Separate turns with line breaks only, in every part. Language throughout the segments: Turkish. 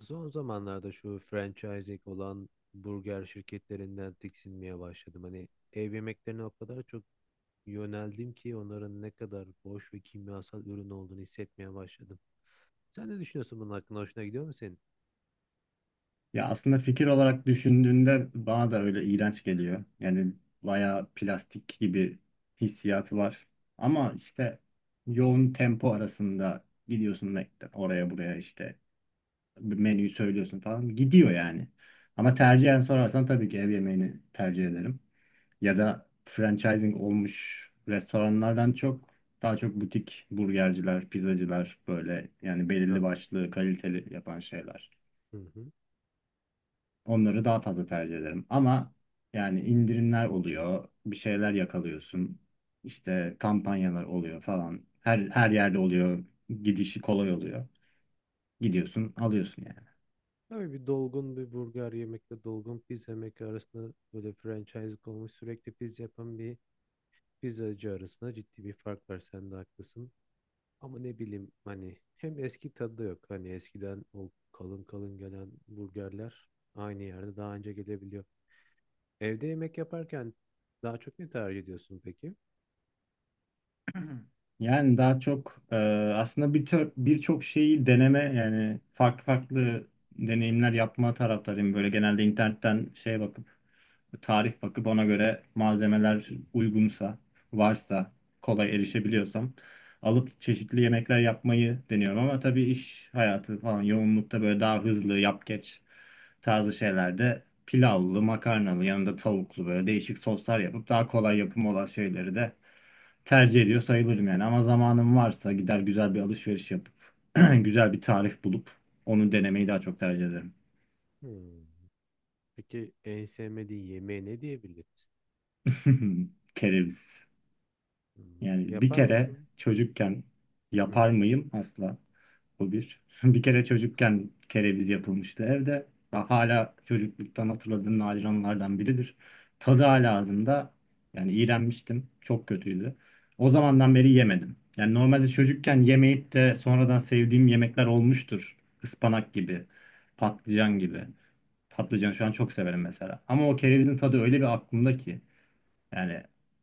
Son zamanlarda şu franchising olan burger şirketlerinden tiksinmeye başladım. Hani ev yemeklerine o kadar çok yöneldim ki onların ne kadar boş ve kimyasal ürün olduğunu hissetmeye başladım. Sen ne düşünüyorsun bunun hakkında? Hoşuna gidiyor mu senin?
Ya aslında fikir olarak düşündüğünde bana da öyle iğrenç geliyor. Yani bayağı plastik gibi hissiyatı var. Ama işte yoğun tempo arasında gidiyorsun oraya buraya işte menüyü söylüyorsun falan gidiyor yani. Ama tercihen sorarsan tabii ki ev yemeğini tercih ederim. Ya da franchising olmuş restoranlardan çok daha çok butik burgerciler, pizzacılar böyle yani belirli
Rav.
başlı kaliteli yapan şeyler.
Hı hı.
Onları daha fazla tercih ederim. Ama yani indirimler oluyor, bir şeyler yakalıyorsun. İşte kampanyalar oluyor falan. Her yerde oluyor. Gidişi kolay oluyor. Gidiyorsun, alıyorsun yani.
Tabii bir dolgun bir burger yemekle dolgun pizza yemek arasında böyle franchise olmuş sürekli pizza yapan bir pizzacı arasında ciddi bir fark var. Sen de haklısın. Ama ne bileyim hani hem eski tadı da yok. Hani eskiden o kalın kalın gelen burgerler aynı yerde daha önce gelebiliyor. Evde yemek yaparken daha çok ne tercih ediyorsun peki?
Yani daha çok aslında birçok şeyi deneme yani farklı farklı deneyimler yapma taraftarıyım. Böyle genelde internetten şeye bakıp tarif bakıp ona göre malzemeler uygunsa, varsa, kolay erişebiliyorsam alıp çeşitli yemekler yapmayı deniyorum. Ama tabii iş hayatı falan yoğunlukta böyle daha hızlı yap geç tarzı şeylerde pilavlı, makarnalı, yanında tavuklu böyle değişik soslar yapıp daha kolay yapım olan şeyleri de tercih ediyor sayılırım yani. Ama zamanım varsa gider güzel bir alışveriş yapıp güzel bir tarif bulup onu denemeyi daha çok tercih ederim.
Hmm. Peki en sevmediğin yemeği ne diyebiliriz?
Kereviz.
Hmm.
Yani bir
Yapar
kere
mısın?
çocukken
Hı
yapar
hı.
mıyım asla. Bu bir. Bir kere çocukken kereviz yapılmıştı evde. Hala çocukluktan hatırladığım nadir anılardan biridir. Tadı hala ağzımda. Yani iğrenmiştim. Çok kötüydü. O zamandan beri yemedim. Yani normalde çocukken yemeyip de sonradan sevdiğim yemekler olmuştur. Ispanak gibi, patlıcan gibi. Patlıcan şu an çok severim mesela. Ama o kerevizin tadı öyle bir aklımda ki. Yani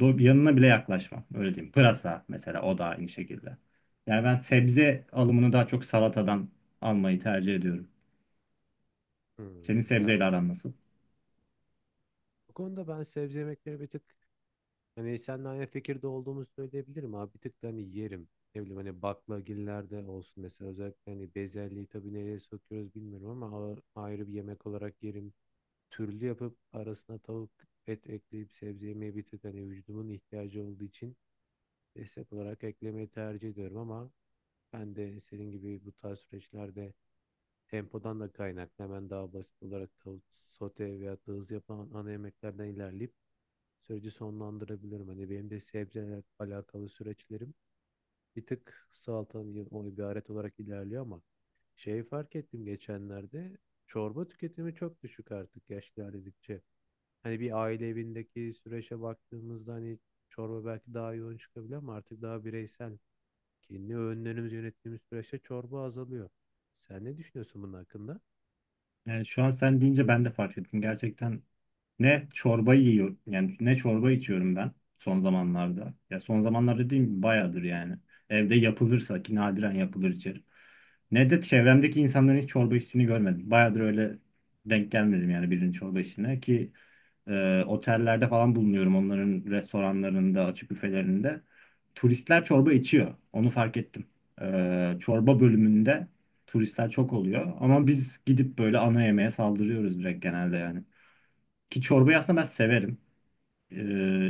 yanına bile yaklaşmam. Öyle diyeyim. Pırasa mesela, o da aynı şekilde. Yani ben sebze alımını daha çok salatadan almayı tercih ediyorum. Senin
Hmm. Ya
sebzeyle aran nasıl?
bu konuda ben sebze yemekleri bir tık hani seninle aynı fikirde olduğumu söyleyebilirim abi. Bir tık da hani yerim. Ne bileyim hani baklagillerde olsun mesela. Özellikle hani bezelyeyi tabii nereye sokuyoruz bilmiyorum ama ayrı bir yemek olarak yerim. Türlü yapıp arasına tavuk et ekleyip sebze yemeyi bir tık hani vücudumun ihtiyacı olduğu için destek olarak eklemeyi tercih ediyorum, ama ben de senin gibi bu tarz süreçlerde tempodan da kaynaklı hemen daha basit olarak tavuk sote veya da hızlı yapılan ana yemeklerden ilerleyip süreci sonlandırabilirim. Hani benim de sebzelerle alakalı süreçlerim bir tık salatadan o ibaret olarak ilerliyor, ama şeyi fark ettim geçenlerde: çorba tüketimi çok düşük artık yaş ilerledikçe. Hani bir aile evindeki süreçe baktığımızda hani çorba belki daha yoğun çıkabilir, ama artık daha bireysel kendi öğünlerimizi yönettiğimiz süreçte çorba azalıyor. Sen ne düşünüyorsun bunun hakkında?
Yani şu an sen deyince ben de fark ettim. Gerçekten ne çorba yiyor yani ne çorba içiyorum ben son zamanlarda. Ya son zamanlarda dediğim gibi bayağıdır yani. Evde yapılırsa ki nadiren yapılır içerim. Ne de çevremdeki insanların hiç çorba içtiğini görmedim. Bayağıdır öyle denk gelmedim yani birinin çorba içtiğine ki otellerde falan bulunuyorum, onların restoranlarında, açık büfelerinde. Turistler çorba içiyor. Onu fark ettim. Çorba bölümünde turistler çok oluyor. Ama biz gidip böyle ana yemeğe saldırıyoruz direkt genelde yani. Ki çorbayı aslında ben severim. Ee,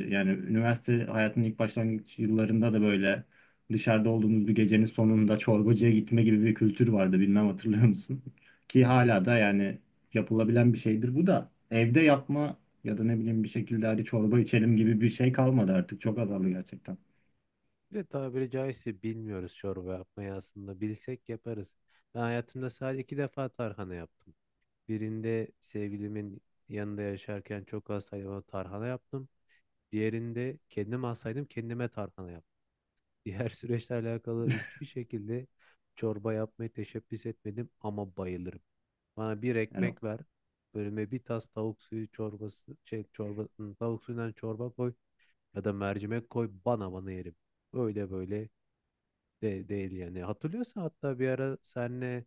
yani üniversite hayatının ilk başlangıç yıllarında da böyle dışarıda olduğumuz bir gecenin sonunda çorbacıya gitme gibi bir kültür vardı. Bilmem hatırlıyor musun?
Hı
Ki
hı.
hala da yani yapılabilen bir şeydir bu da. Evde yapma ya da ne bileyim bir şekilde hadi çorba içelim gibi bir şey kalmadı artık. Çok azaldı gerçekten.
Bir de tabiri caizse bilmiyoruz çorba yapmayı aslında. Bilsek yaparız. Ben hayatımda sadece iki defa tarhana yaptım. Birinde sevgilimin yanında yaşarken çok hastaydım, ona tarhana yaptım. Diğerinde kendim hastaydım, kendime tarhana yaptım. Diğer süreçle alakalı hiçbir şekilde çorba yapmayı teşebbüs etmedim, ama bayılırım. Bana bir
Yani
ekmek ver. Önüme bir tas tavuk suyu çorbası, şey, çorba, tavuk suyundan çorba koy ya da mercimek koy bana yerim. Öyle böyle de değil yani. Hatırlıyorsan hatta bir ara senle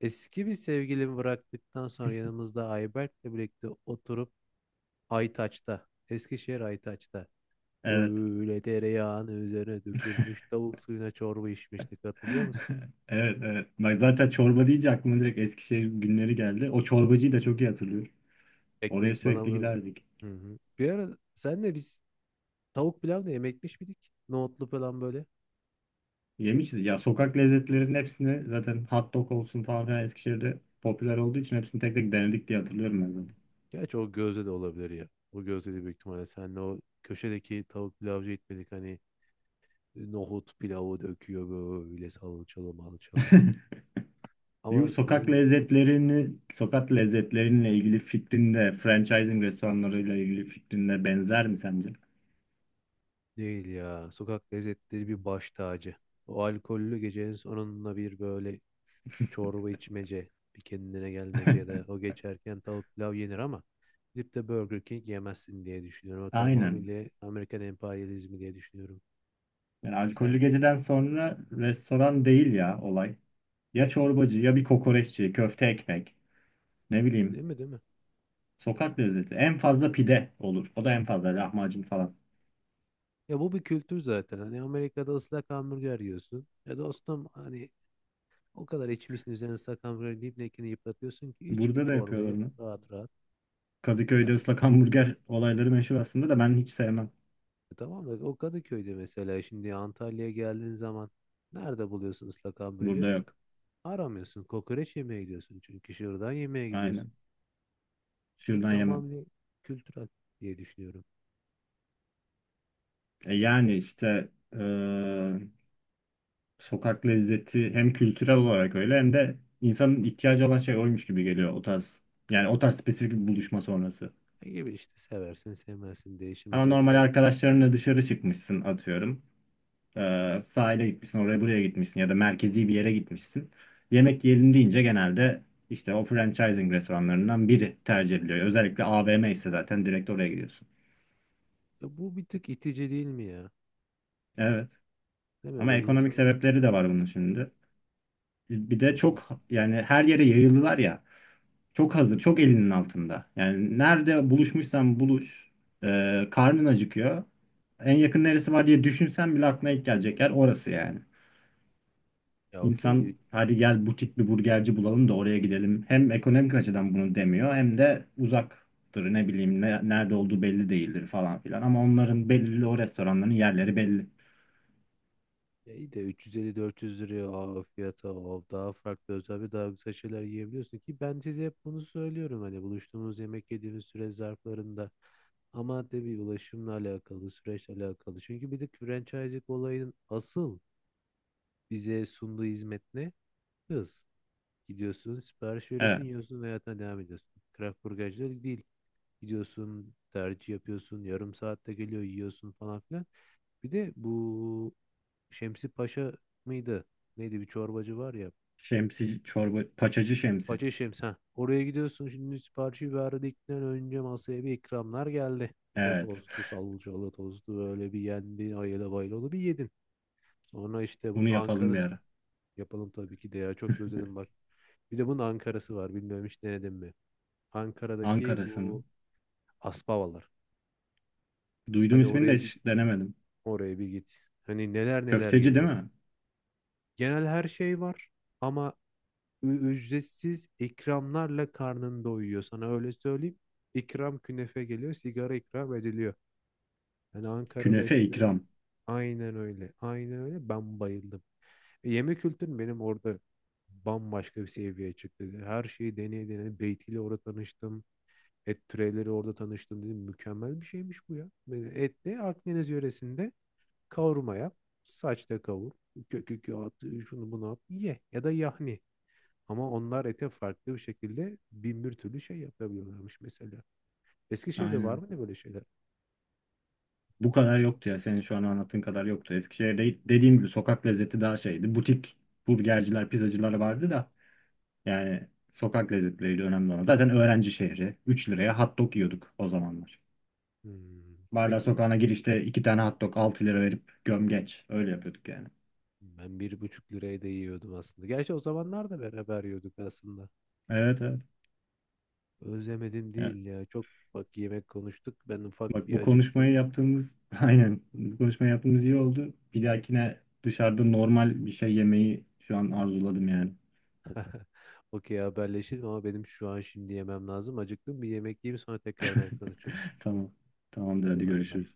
eski bir sevgilimi bıraktıktan sonra yanımızda Ayberk'le birlikte oturup Aytaç'ta, Eskişehir Aytaç'ta
evet.
öyle tereyağını üzerine dökülmüş tavuk suyuna çorba içmiştik, hatırlıyor musun?
Evet, evet. Bak, zaten çorba deyince aklıma direkt Eskişehir günleri geldi. O çorbacıyı da çok iyi hatırlıyorum. Oraya
Ekmek bana
sürekli
mı?
giderdik.
Hı hı. Bir ara senle biz tavuk pilav da yemekmiş miydik? Nohutlu falan böyle.
Yemişiz. Ya sokak lezzetlerinin hepsini zaten, hot dog olsun falan filan, Eskişehir'de popüler olduğu için hepsini tek tek denedik diye
Hı hı.
hatırlıyorum ben
Gerçi o gözde de olabilir ya. O gözde de büyük ihtimalle senle o köşedeki tavuk pilavcı gitmedik hani, nohut pilavı döküyor böyle salçalı malçalı.
zaten. Bu
Ama
sokak
dediğin gibi
lezzetlerini, sokak lezzetlerinle ilgili fikrinde, franchising restoranlarıyla ilgili fikrinde benzer mi sence?
değil ya. Sokak lezzetleri bir baş tacı. O alkollü gecenin sonunda bir böyle çorba içmece, bir kendine gelmece ya da o geçerken tavuk pilav yenir, ama gidip de Burger King yemezsin diye düşünüyorum. O
Aynen.
tamamıyla Amerikan emperyalizmi diye düşünüyorum.
Yani alkollü
Sen
geceden sonra restoran değil ya olay. Ya çorbacı ya bir kokoreççi, köfte ekmek, ne bileyim.
değil mi, değil mi?
Sokak lezzeti. En fazla pide olur. O da en fazla lahmacun falan.
Ya bu bir kültür zaten. Hani Amerika'da ıslak hamburger yiyorsun. Ya dostum hani o kadar içmişsin üzerine sakan böyle dibdekini yıpratıyorsun ki iç bir
Burada da yapıyorlar
çorbayı
onu.
rahat rahat. Ya,
Kadıköy'de ıslak hamburger olayları meşhur aslında da ben hiç sevmem.
tamam da o Kadıköy'de mesela şimdi Antalya'ya geldiğin zaman nerede buluyorsun ıslak
Burada
hamburgeri?
yok.
Aramıyorsun. Kokoreç yemeye gidiyorsun. Çünkü şuradan yemeye gidiyorsun.
Aynen.
Bir tık
Şuradan yemem.
tamamen kültürel diye düşünüyorum.
E yani işte e, sokak lezzeti hem kültürel olarak öyle hem de insanın ihtiyacı olan şey oymuş gibi geliyor o tarz. Yani o tarz spesifik bir buluşma sonrası.
Ya gibi işte seversin sevmezsin değişir.
Ama
Mesela
normal
kere... Hı.
arkadaşlarınla dışarı çıkmışsın atıyorum. Sahile gitmişsin, oraya buraya gitmişsin ya da merkezi bir yere gitmişsin. Yemek yiyelim deyince genelde işte o franchising restoranlarından biri tercih ediliyor. Özellikle AVM ise zaten direkt oraya gidiyorsun.
Ya bu bir tık itici değil mi ya?
Evet.
Değil mi?
Ama
Böyle
ekonomik
insan
sebepleri de var bunun şimdi. Bir
ya
de
iyi.
çok yani her yere yayıldılar ya. Çok hazır, çok elinin altında. Yani nerede buluşmuşsan buluş. Karnın acıkıyor. En yakın neresi var diye düşünsen bile aklına ilk gelecek yer orası yani.
Ya
İnsan
okey.
hadi gel butik bir burgerci bulalım da oraya gidelim. Hem ekonomik açıdan bunu demiyor, hem de uzaktır, ne bileyim, nerede olduğu belli değildir falan filan. Ama onların belli, o restoranların yerleri belli.
Ya İyi de 350-400 liraya o fiyata o daha farklı özel bir daha güzel şeyler yiyebiliyorsun ki ben size hep bunu söylüyorum hani buluştuğumuz yemek yediğimiz süre zarflarında, ama tabii ulaşımla alakalı süreçle alakalı, çünkü bir de franchising olayının asıl bize sunduğu hizmet ne? Hız. Gidiyorsun, sipariş veriyorsun,
Evet.
yiyorsun ve hayatına devam ediyorsun. Craft burgerciler değil, gidiyorsun tercih yapıyorsun yarım saatte geliyor yiyorsun falan filan. Bir de bu Şemsi Paşa mıydı? Neydi, bir çorbacı var ya.
Şemsi çorba paçacı şemsi.
Paşa Şems, ha. Oraya gidiyorsun şimdi siparişi verdikten önce masaya bir ikramlar geldi. Bu
Evet.
tostu, salçalı tostu böyle bir yendi. Ayıla bayılalı bir yedin. Sonra işte bunun
Bunu yapalım bir
Ankara'sı,
ara.
yapalım tabii ki de ya. Çok özledim bak. Bir de bunun Ankara'sı var. Bilmiyorum, hiç denedin mi? Ankara'daki
Ankara'sının.
bu Aspavalar.
Duydum
Hani
ismini
oraya
de
git,
hiç denemedim.
oraya bir git. Hani neler neler
Köfteci değil
geliyor.
mi?
Genel her şey var, ama ücretsiz ikramlarla karnını doyuyor. Sana öyle söyleyeyim. İkram künefe geliyor, sigara ikram ediliyor. Yani Ankara'da
Künefe
yaşadığım
ikram.
aynen öyle. Aynen öyle. Ben bayıldım. Yemek kültürüm benim orada bambaşka bir seviyeye çıktı. Her şeyi deneye deneye Beyti'yle orada tanıştım. Et türevleri orada tanıştım dedim. Mükemmel bir şeymiş bu ya. Böyle et de Akdeniz yöresinde kavurma yap. Saçta kavur. Kökü at, şunu bunu at. Ye. Ya da yahni. Ama onlar ete farklı bir şekilde bin bir türlü şey yapabiliyorlarmış mesela. Eskişehir'de var
Aynen.
mı ne böyle şeyler?
Bu kadar yoktu ya. Senin şu an anlattığın kadar yoktu. Eskişehir'de dediğim gibi sokak lezzeti daha şeydi. Butik burgerciler, pizzacılar vardı da. Yani sokak lezzetleriydi önemli olan. Zaten öğrenci şehri. 3 liraya hot dog yiyorduk o zamanlar.
Hmm.
Barla
Peki bir-
sokağına girişte 2 tane hot dog 6 lira verip gömgeç. Öyle yapıyorduk yani.
ben bir buçuk liraya da yiyordum aslında. Gerçi o zamanlar da beraber yiyorduk aslında.
Evet, evet.
Özlemedim
Yani
değil ya. Çok bak, yemek konuştuk. Ben ufak
bak
bir
bu
acıktım.
konuşmayı yaptığımız, aynen bu konuşmayı yaptığımız iyi oldu. Bir dahakine dışarıda normal bir şey yemeyi şu an arzuladım yani.
Okey, haberleşelim ama benim şu an şimdi yemem lazım. Acıktım, bir yemek yiyeyim sonra tekrardan konuşuruz.
Tamam. Tamamdır,
Hadi
hadi
bay bay.
görüşürüz.